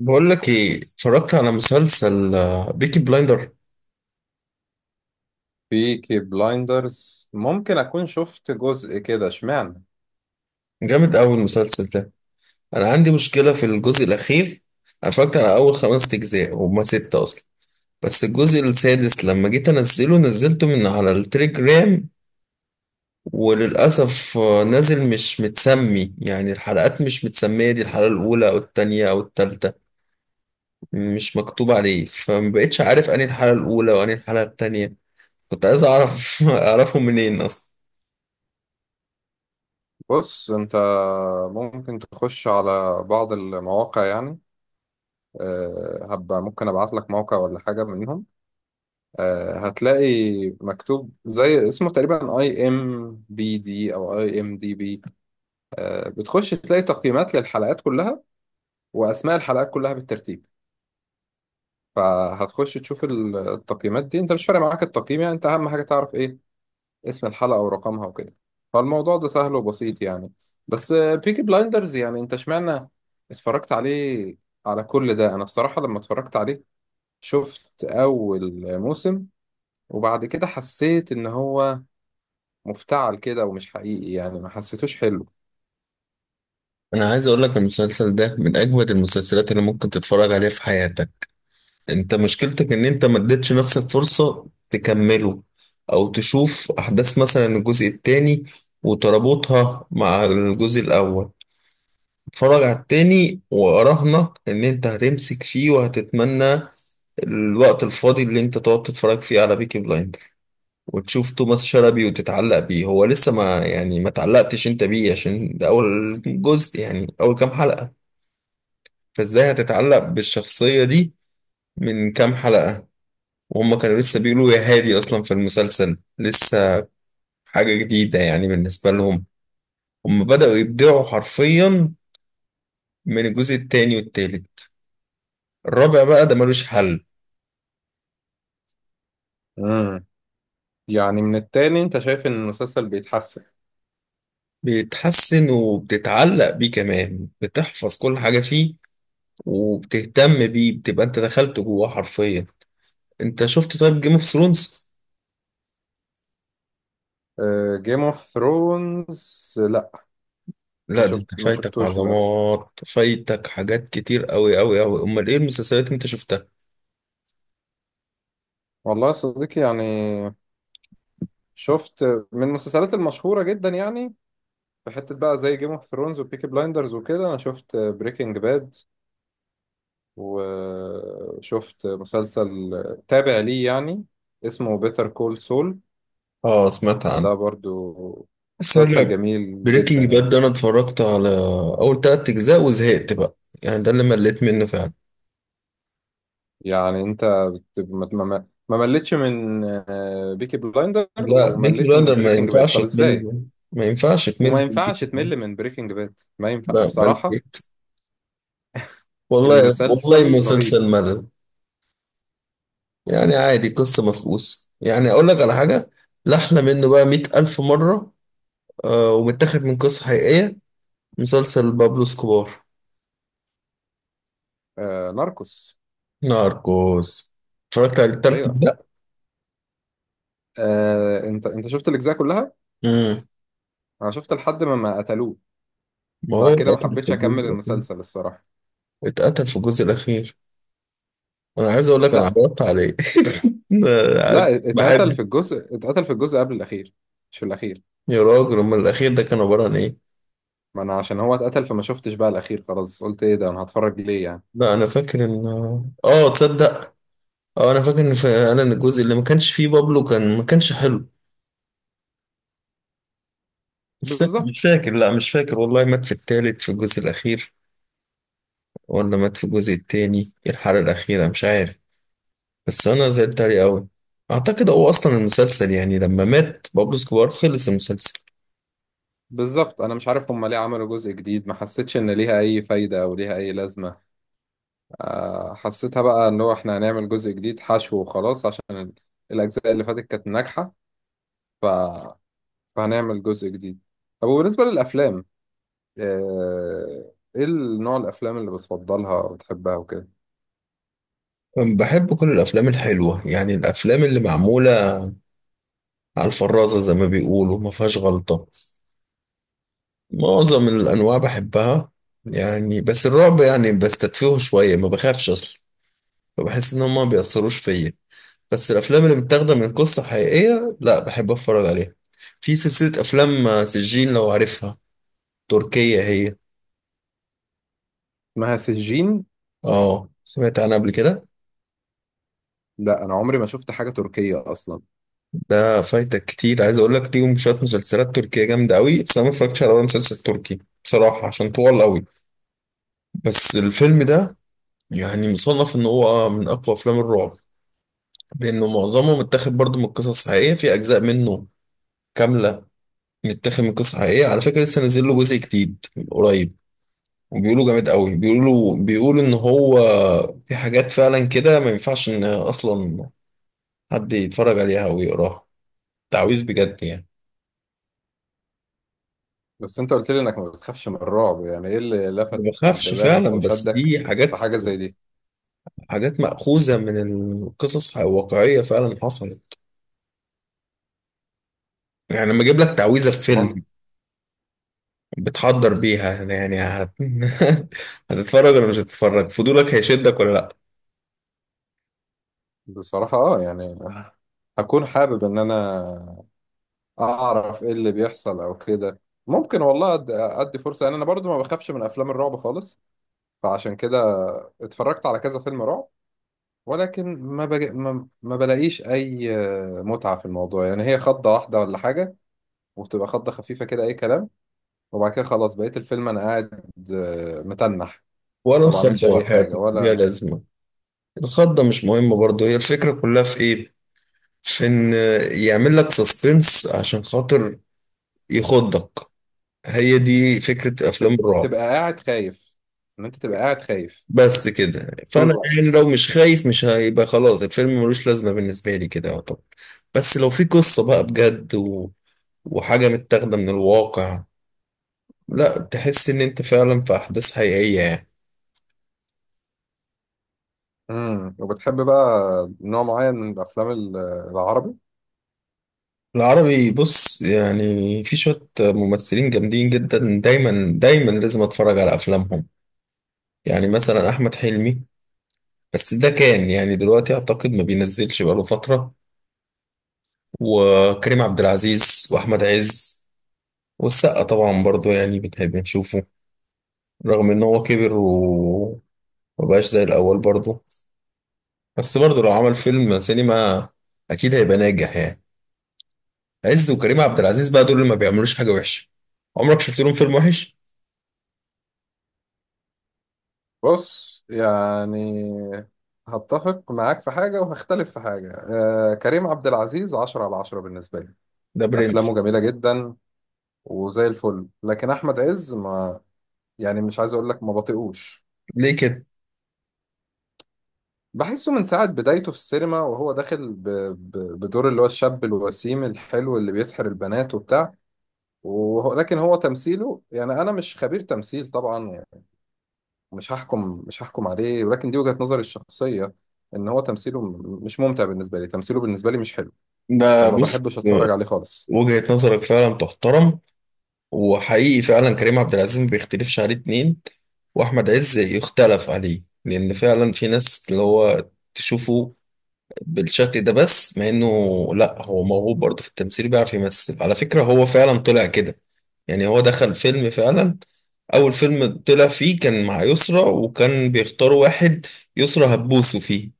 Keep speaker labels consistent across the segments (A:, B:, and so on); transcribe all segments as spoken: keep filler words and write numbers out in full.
A: بقول لك ايه، اتفرجت على مسلسل بيكي بلايندر.
B: بيكي بلايندرز ممكن أكون شفت جزء كده اشمعنى.
A: جامد قوي المسلسل ده. انا عندي مشكله في الجزء الاخير. انا اتفرجت على اول خمس اجزاء، هما ستة اصلا، بس الجزء السادس لما جيت انزله نزلته من على التليجرام وللاسف آه، نازل مش متسمي، يعني الحلقات مش متسميه دي الحلقه الاولى او التانية او التالتة، مش مكتوب عليه. فمبقتش عارف انهي الحلقه الاولى وانهي الحلقه التانية. كنت عايز اعرف اعرفهم منين اصلا.
B: بص أنت، ممكن تخش على بعض المواقع يعني. أه، هبقى ممكن أبعت لك موقع ولا حاجة منهم. أه هتلاقي مكتوب زي اسمه تقريبا اي ام بي دي او اي ام دي بي. أه بتخش تلاقي تقييمات للحلقات كلها واسماء الحلقات كلها بالترتيب. فهتخش تشوف التقييمات دي، انت مش فارق معاك التقييم يعني، انت اهم حاجه تعرف ايه اسم الحلقة ورقمها وكده. فالموضوع ده سهل وبسيط يعني. بس بيكي بلايندرز يعني انت اشمعنى اتفرجت عليه على كل ده؟ انا بصراحة لما اتفرجت عليه شفت اول موسم وبعد كده حسيت ان هو مفتعل كده ومش حقيقي يعني، ما حسيتوش حلو.
A: انا عايز اقول لك المسلسل ده من اجمد المسلسلات اللي ممكن تتفرج عليها في حياتك. انت مشكلتك ان انت ما اديتش نفسك فرصة تكمله، او تشوف احداث مثلا الجزء التاني وتربطها مع الجزء الاول. اتفرج على التاني واراهنك ان انت هتمسك فيه وهتتمنى الوقت الفاضي اللي انت تقعد تتفرج فيه على بيكي بلايندر وتشوف توماس شلبي وتتعلق بيه. هو لسه ما يعني ما تعلقتش انت بيه عشان ده اول جزء، يعني اول كام حلقة، فازاي هتتعلق بالشخصية دي من كام حلقة؟ وهم كانوا لسه بيقولوا يا هادي أصلا في المسلسل، لسه حاجة جديدة يعني بالنسبة لهم. هم بدأوا يبدعوا حرفيا من الجزء التاني والتالت. الرابع بقى ده ملوش حل.
B: امم يعني من التاني انت شايف ان المسلسل بيتحسن؟
A: بيتحسن وبتتعلق بيه كمان، بتحفظ كل حاجة فيه وبتهتم بيه، بتبقى انت دخلت جواه حرفيا. انت شفت طيب جيم اوف ثرونز؟
B: جيم اوف ثرونز لا، ما
A: لا ده
B: شفت
A: انت
B: ما
A: فايتك
B: شفتوش للاسف.
A: عظمات، فايتك حاجات كتير قوي قوي قوي. امال ايه المسلسلات اللي انت شفتها؟
B: والله يا صديقي يعني شفت من المسلسلات المشهورة جدا يعني، في حتة بقى زي جيم اوف ثرونز وبيكي بلايندرز وكده. أنا شفت بريكنج باد وشفت مسلسل تابع ليه يعني، اسمه بيتر كول سول.
A: اه، سمعت عنه.
B: ده برضو
A: بس
B: مسلسل
A: انا
B: جميل جدا
A: بريكنج باد
B: يعني.
A: ده انا اتفرجت على اول تلات اجزاء وزهقت بقى. يعني ده اللي مليت منه فعلا.
B: يعني أنت بت- ما ما- ما مليتش من بيكي بلايندر
A: لا بيكي
B: ومليت من
A: بلاندر ما
B: بريكنج باد،
A: ينفعش
B: طب
A: تمل
B: إزاي؟
A: منه. ما ينفعش
B: وما
A: تمل من بيكي
B: ينفعش
A: بلاندر.
B: تمل من بريكنج باد، ما ينفع
A: لا
B: بصراحة.
A: مليت والله والله،
B: المسلسل رهيب.
A: مسلسل ملل. يعني عادي، قصة مفقوسة. يعني اقول لك على حاجة لا احلى منه بقى مئة الف مرة. آه، ومتاخد من قصة حقيقية، مسلسل بابلو سكوبار.
B: آه، ناركوس.
A: ناركوس. اتفرجت على التلات
B: أيوه.
A: اجزاء
B: آه، أنت أنت شفت الأجزاء كلها؟
A: امم،
B: انا شفت لحد ما ما قتلوه.
A: ما هو
B: بعد كده ما
A: اتقتل في
B: حبيتش
A: الجزء
B: اكمل
A: الأخير.
B: المسلسل الصراحه.
A: اتقتل في الجزء الأخير. أنا عايز أقول لك أنا
B: لا،
A: عرضت عليه ده
B: لا، اتقتل
A: بحب.
B: في الجزء، اتقتل في الجزء قبل الاخير، مش في الاخير.
A: يا راجل أمال الأخير ده كان عبارة عن إيه؟
B: ما انا عشان هو اتقتل فما شفتش بقى الاخير، خلاص قلت ايه ده انا هتفرج ليه يعني.
A: لا أنا فاكر إن، آه تصدق، آه أنا فاكر إن فعلا الجزء اللي ما كانش فيه بابلو كان ما كانش حلو. بس مش
B: بالظبط.
A: فاكر، لا مش فاكر والله، مات في التالت في الجزء الأخير ولا مات في الجزء التاني الحلقة الأخيرة، مش عارف. بس أنا زعلت عليه أوي. أعتقد هو أصلا المسلسل يعني لما مات بابلو سكوار خلص المسلسل.
B: بالظبط، انا مش عارف هما ليه عملوا جزء جديد، ما حسيتش ان ليها اي فايده او ليها اي لازمه. آه، حسيتها بقى ان هو احنا هنعمل جزء جديد حشو وخلاص، عشان ال- الاجزاء اللي فاتت كانت ناجحه، ف... فهنعمل جزء جديد. طب وبالنسبه للافلام، آه، ايه النوع الافلام اللي بتفضلها وبتحبها وكده؟
A: بحب كل الأفلام الحلوة، يعني الأفلام اللي معمولة على الفرازة زي ما بيقولوا، ما فيهاش غلطة. معظم الأنواع بحبها، يعني بس الرعب يعني بستدفيه شوية، ما بخافش أصلا، فبحس إن هما ما بيأثروش فيا. بس الأفلام اللي متاخدة من قصة حقيقية لا بحب أتفرج عليها. في سلسلة أفلام سجين لو عارفها، تركية هي.
B: اسمها سجين؟
A: اه، سمعت عنها قبل كده.
B: لا انا عمري ما شفت حاجه تركيه اصلا.
A: ده فايتك كتير. عايز أقول لك ليهم شوية مسلسلات تركية جامدة أوي، بس أنا ما اتفرجتش على ولا مسلسل تركي بصراحة عشان طوال أوي. بس الفيلم ده يعني مصنف ان هو من اقوى افلام الرعب، لانه معظمه متاخد برضه من قصص حقيقيه. في اجزاء منه كامله متاخد من قصص حقيقيه. على فكره لسه نازل له جزء جديد قريب، وبيقولوا جامد قوي. بيقولوا بيقولوا ان هو في حاجات فعلا كده ما ينفعش ان اصلا حد يتفرج عليها او يقراها. تعويذ بجد يعني.
B: بس انت قلت لي انك ما بتخافش من الرعب، يعني ايه اللي
A: ما
B: لفت
A: بخافش
B: انتباهك
A: فعلا،
B: او
A: بس
B: شدك
A: دي
B: في
A: حاجات،
B: حاجه زي دي؟
A: حاجات مأخوذة من القصص الواقعية فعلا حصلت. يعني لما اجيب لك تعويذة في
B: مم.
A: فيلم بتحضر بيها، يعني هت... هتتفرج ولا مش هتتفرج؟ فضولك هيشدك ولا لا؟
B: بصراحه اه يعني، هكون حابب ان انا اعرف ايه اللي بيحصل او كده. ممكن والله أد- ادي فرصه يعني، انا برضو ما بخافش من افلام الرعب خالص. فعشان كده اتفرجت على كذا فيلم رعب، ولكن ما, بج... ما... ما بلاقيش اي آه، متعة في الموضوع يعني، هي خضة واحدة ولا حاجة، وبتبقى خضة خفيفة كده اي كلام. وبعد كده خلاص بقيت الفيلم انا قاعد آه، متنح،
A: ولا
B: ما بعملش
A: الخضة
B: اي
A: وحياة
B: حاجة
A: ليها
B: ولا.
A: لازمة؟ الخضة مش مهمة برضه، هي الفكرة كلها في ايه؟ في ان يعمل لك سسبنس عشان خاطر يخضك. هي دي فكرة افلام
B: تب-
A: الرعب.
B: تبقى قاعد خايف، ان انت تبقى قاعد خايف
A: بس كده،
B: طول
A: فانا يعني
B: الوقت.
A: لو مش خايف مش هيبقى، خلاص الفيلم ملوش لازمة بالنسبة لي كده. طب بس لو في قصة بقى بجد و... وحاجة متاخدة من الواقع، لا تحس ان انت فعلا في احداث حقيقية يعني.
B: امم وبتحب بقى نوع معين من الافلام ال- العربي؟
A: العربي بص، يعني في شوية ممثلين جامدين جدا دايما دايما لازم اتفرج على افلامهم. يعني مثلا احمد حلمي، بس ده كان يعني دلوقتي اعتقد ما بينزلش بقاله فترة، وكريم عبد العزيز واحمد عز والسقا طبعا برضو يعني بنحب نشوفه رغم ان هو كبر ومبقاش زي الاول برضو. بس برضو لو عمل فيلم سينما اكيد هيبقى ناجح يعني. عز وكريم عبد العزيز بقى دول اللي ما بيعملوش حاجة وحشة. عمرك شفت لهم فيلم وحش؟
B: بص يعني، هتفق معاك في حاجة وهختلف في حاجة. آه كريم عبد العزيز عشرة على عشرة بالنسبة لي،
A: ده برنس.
B: أفلامه جميلة جدا وزي الفل. لكن احمد عز ما، يعني مش عايز اقول لك ما بطيقوش.
A: ليه كده؟
B: بحسه من ساعة بدايته في السينما وهو داخل ب... ب... بدور اللي هو الشاب الوسيم الحلو اللي بيسحر البنات وبتاع. وهو... لكن هو تمثيله يعني، انا مش خبير تمثيل طبعا يعني، مش هحكم مش هحكم عليه، ولكن دي وجهة نظري الشخصية ان هو تمثيله م- مش ممتع بالنسبة لي، تمثيله بالنسبة لي مش حلو.
A: ده
B: فما
A: بص،
B: بحبش اتفرج عليه خالص.
A: وجهة نظرك فعلا تحترم، وحقيقي فعلا كريم عبد العزيز ما بيختلفش عليه اتنين. واحمد عز يختلف عليه لان فعلا في ناس اللي هو تشوفه بالشكل ده، بس مع انه لا هو موهوب برضه في التمثيل، بيعرف يمثل على فكرة. هو فعلا طلع كده، يعني هو دخل فيلم فعلا اول فيلم طلع فيه كان مع يسرا، وكان بيختاروا واحد يسرا هتبوسه فيه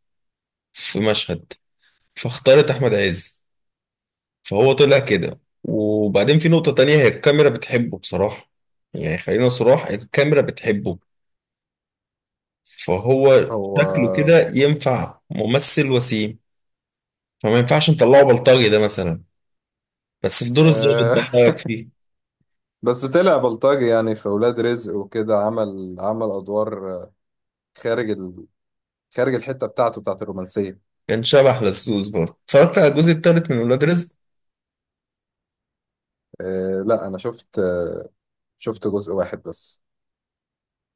A: في مشهد، فاختارت احمد عز. فهو طلع كده، وبعدين في نقطة تانية هي الكاميرا بتحبه بصراحة. يعني خلينا صراح الكاميرا بتحبه. فهو
B: هو
A: شكله كده ينفع ممثل وسيم، فما ينفعش نطلعه بلطجي ده مثلا. بس في دور الظابط ده
B: آه،
A: إيه رأيك فيه؟
B: بس طلع بلطجي يعني في ولاد رزق وكده، عمل عمل ادوار خارج ال... خارج الحته بتاعته بتاعت الرومانسيه.
A: كان شبح للسوس برضه. اتفرجت على الجزء التالت من ولاد رزق.
B: آه لا انا شفت، آه شفت جزء واحد بس.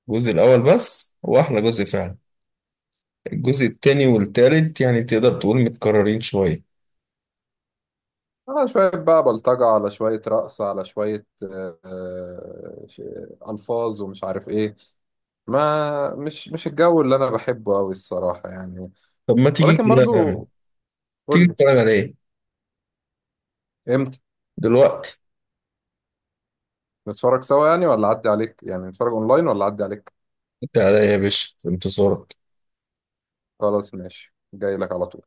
A: الجزء الأول بس هو أحلى جزء فعلا. الجزء التاني والتالت يعني تقدر تقول متكررين شوية.
B: آه شويه بقى بلطجه على شويه رقص على شويه آه، آه، ش- الفاظ ومش عارف ايه. ما مش مش الجو اللي انا بحبه قوي الصراحه يعني.
A: طب ما تيجي
B: ولكن برضو
A: كده يعني، تيجي
B: قول لي.
A: نتفرج على ايه؟
B: امتى؟
A: دلوقتي؟
B: نتفرج سوا يعني ولا اعدي عليك، يعني نتفرج اونلاين ولا اعدي عليك؟
A: انت عليا يا باشا، في انتظارك.
B: خلاص ماشي، جاي لك على طول.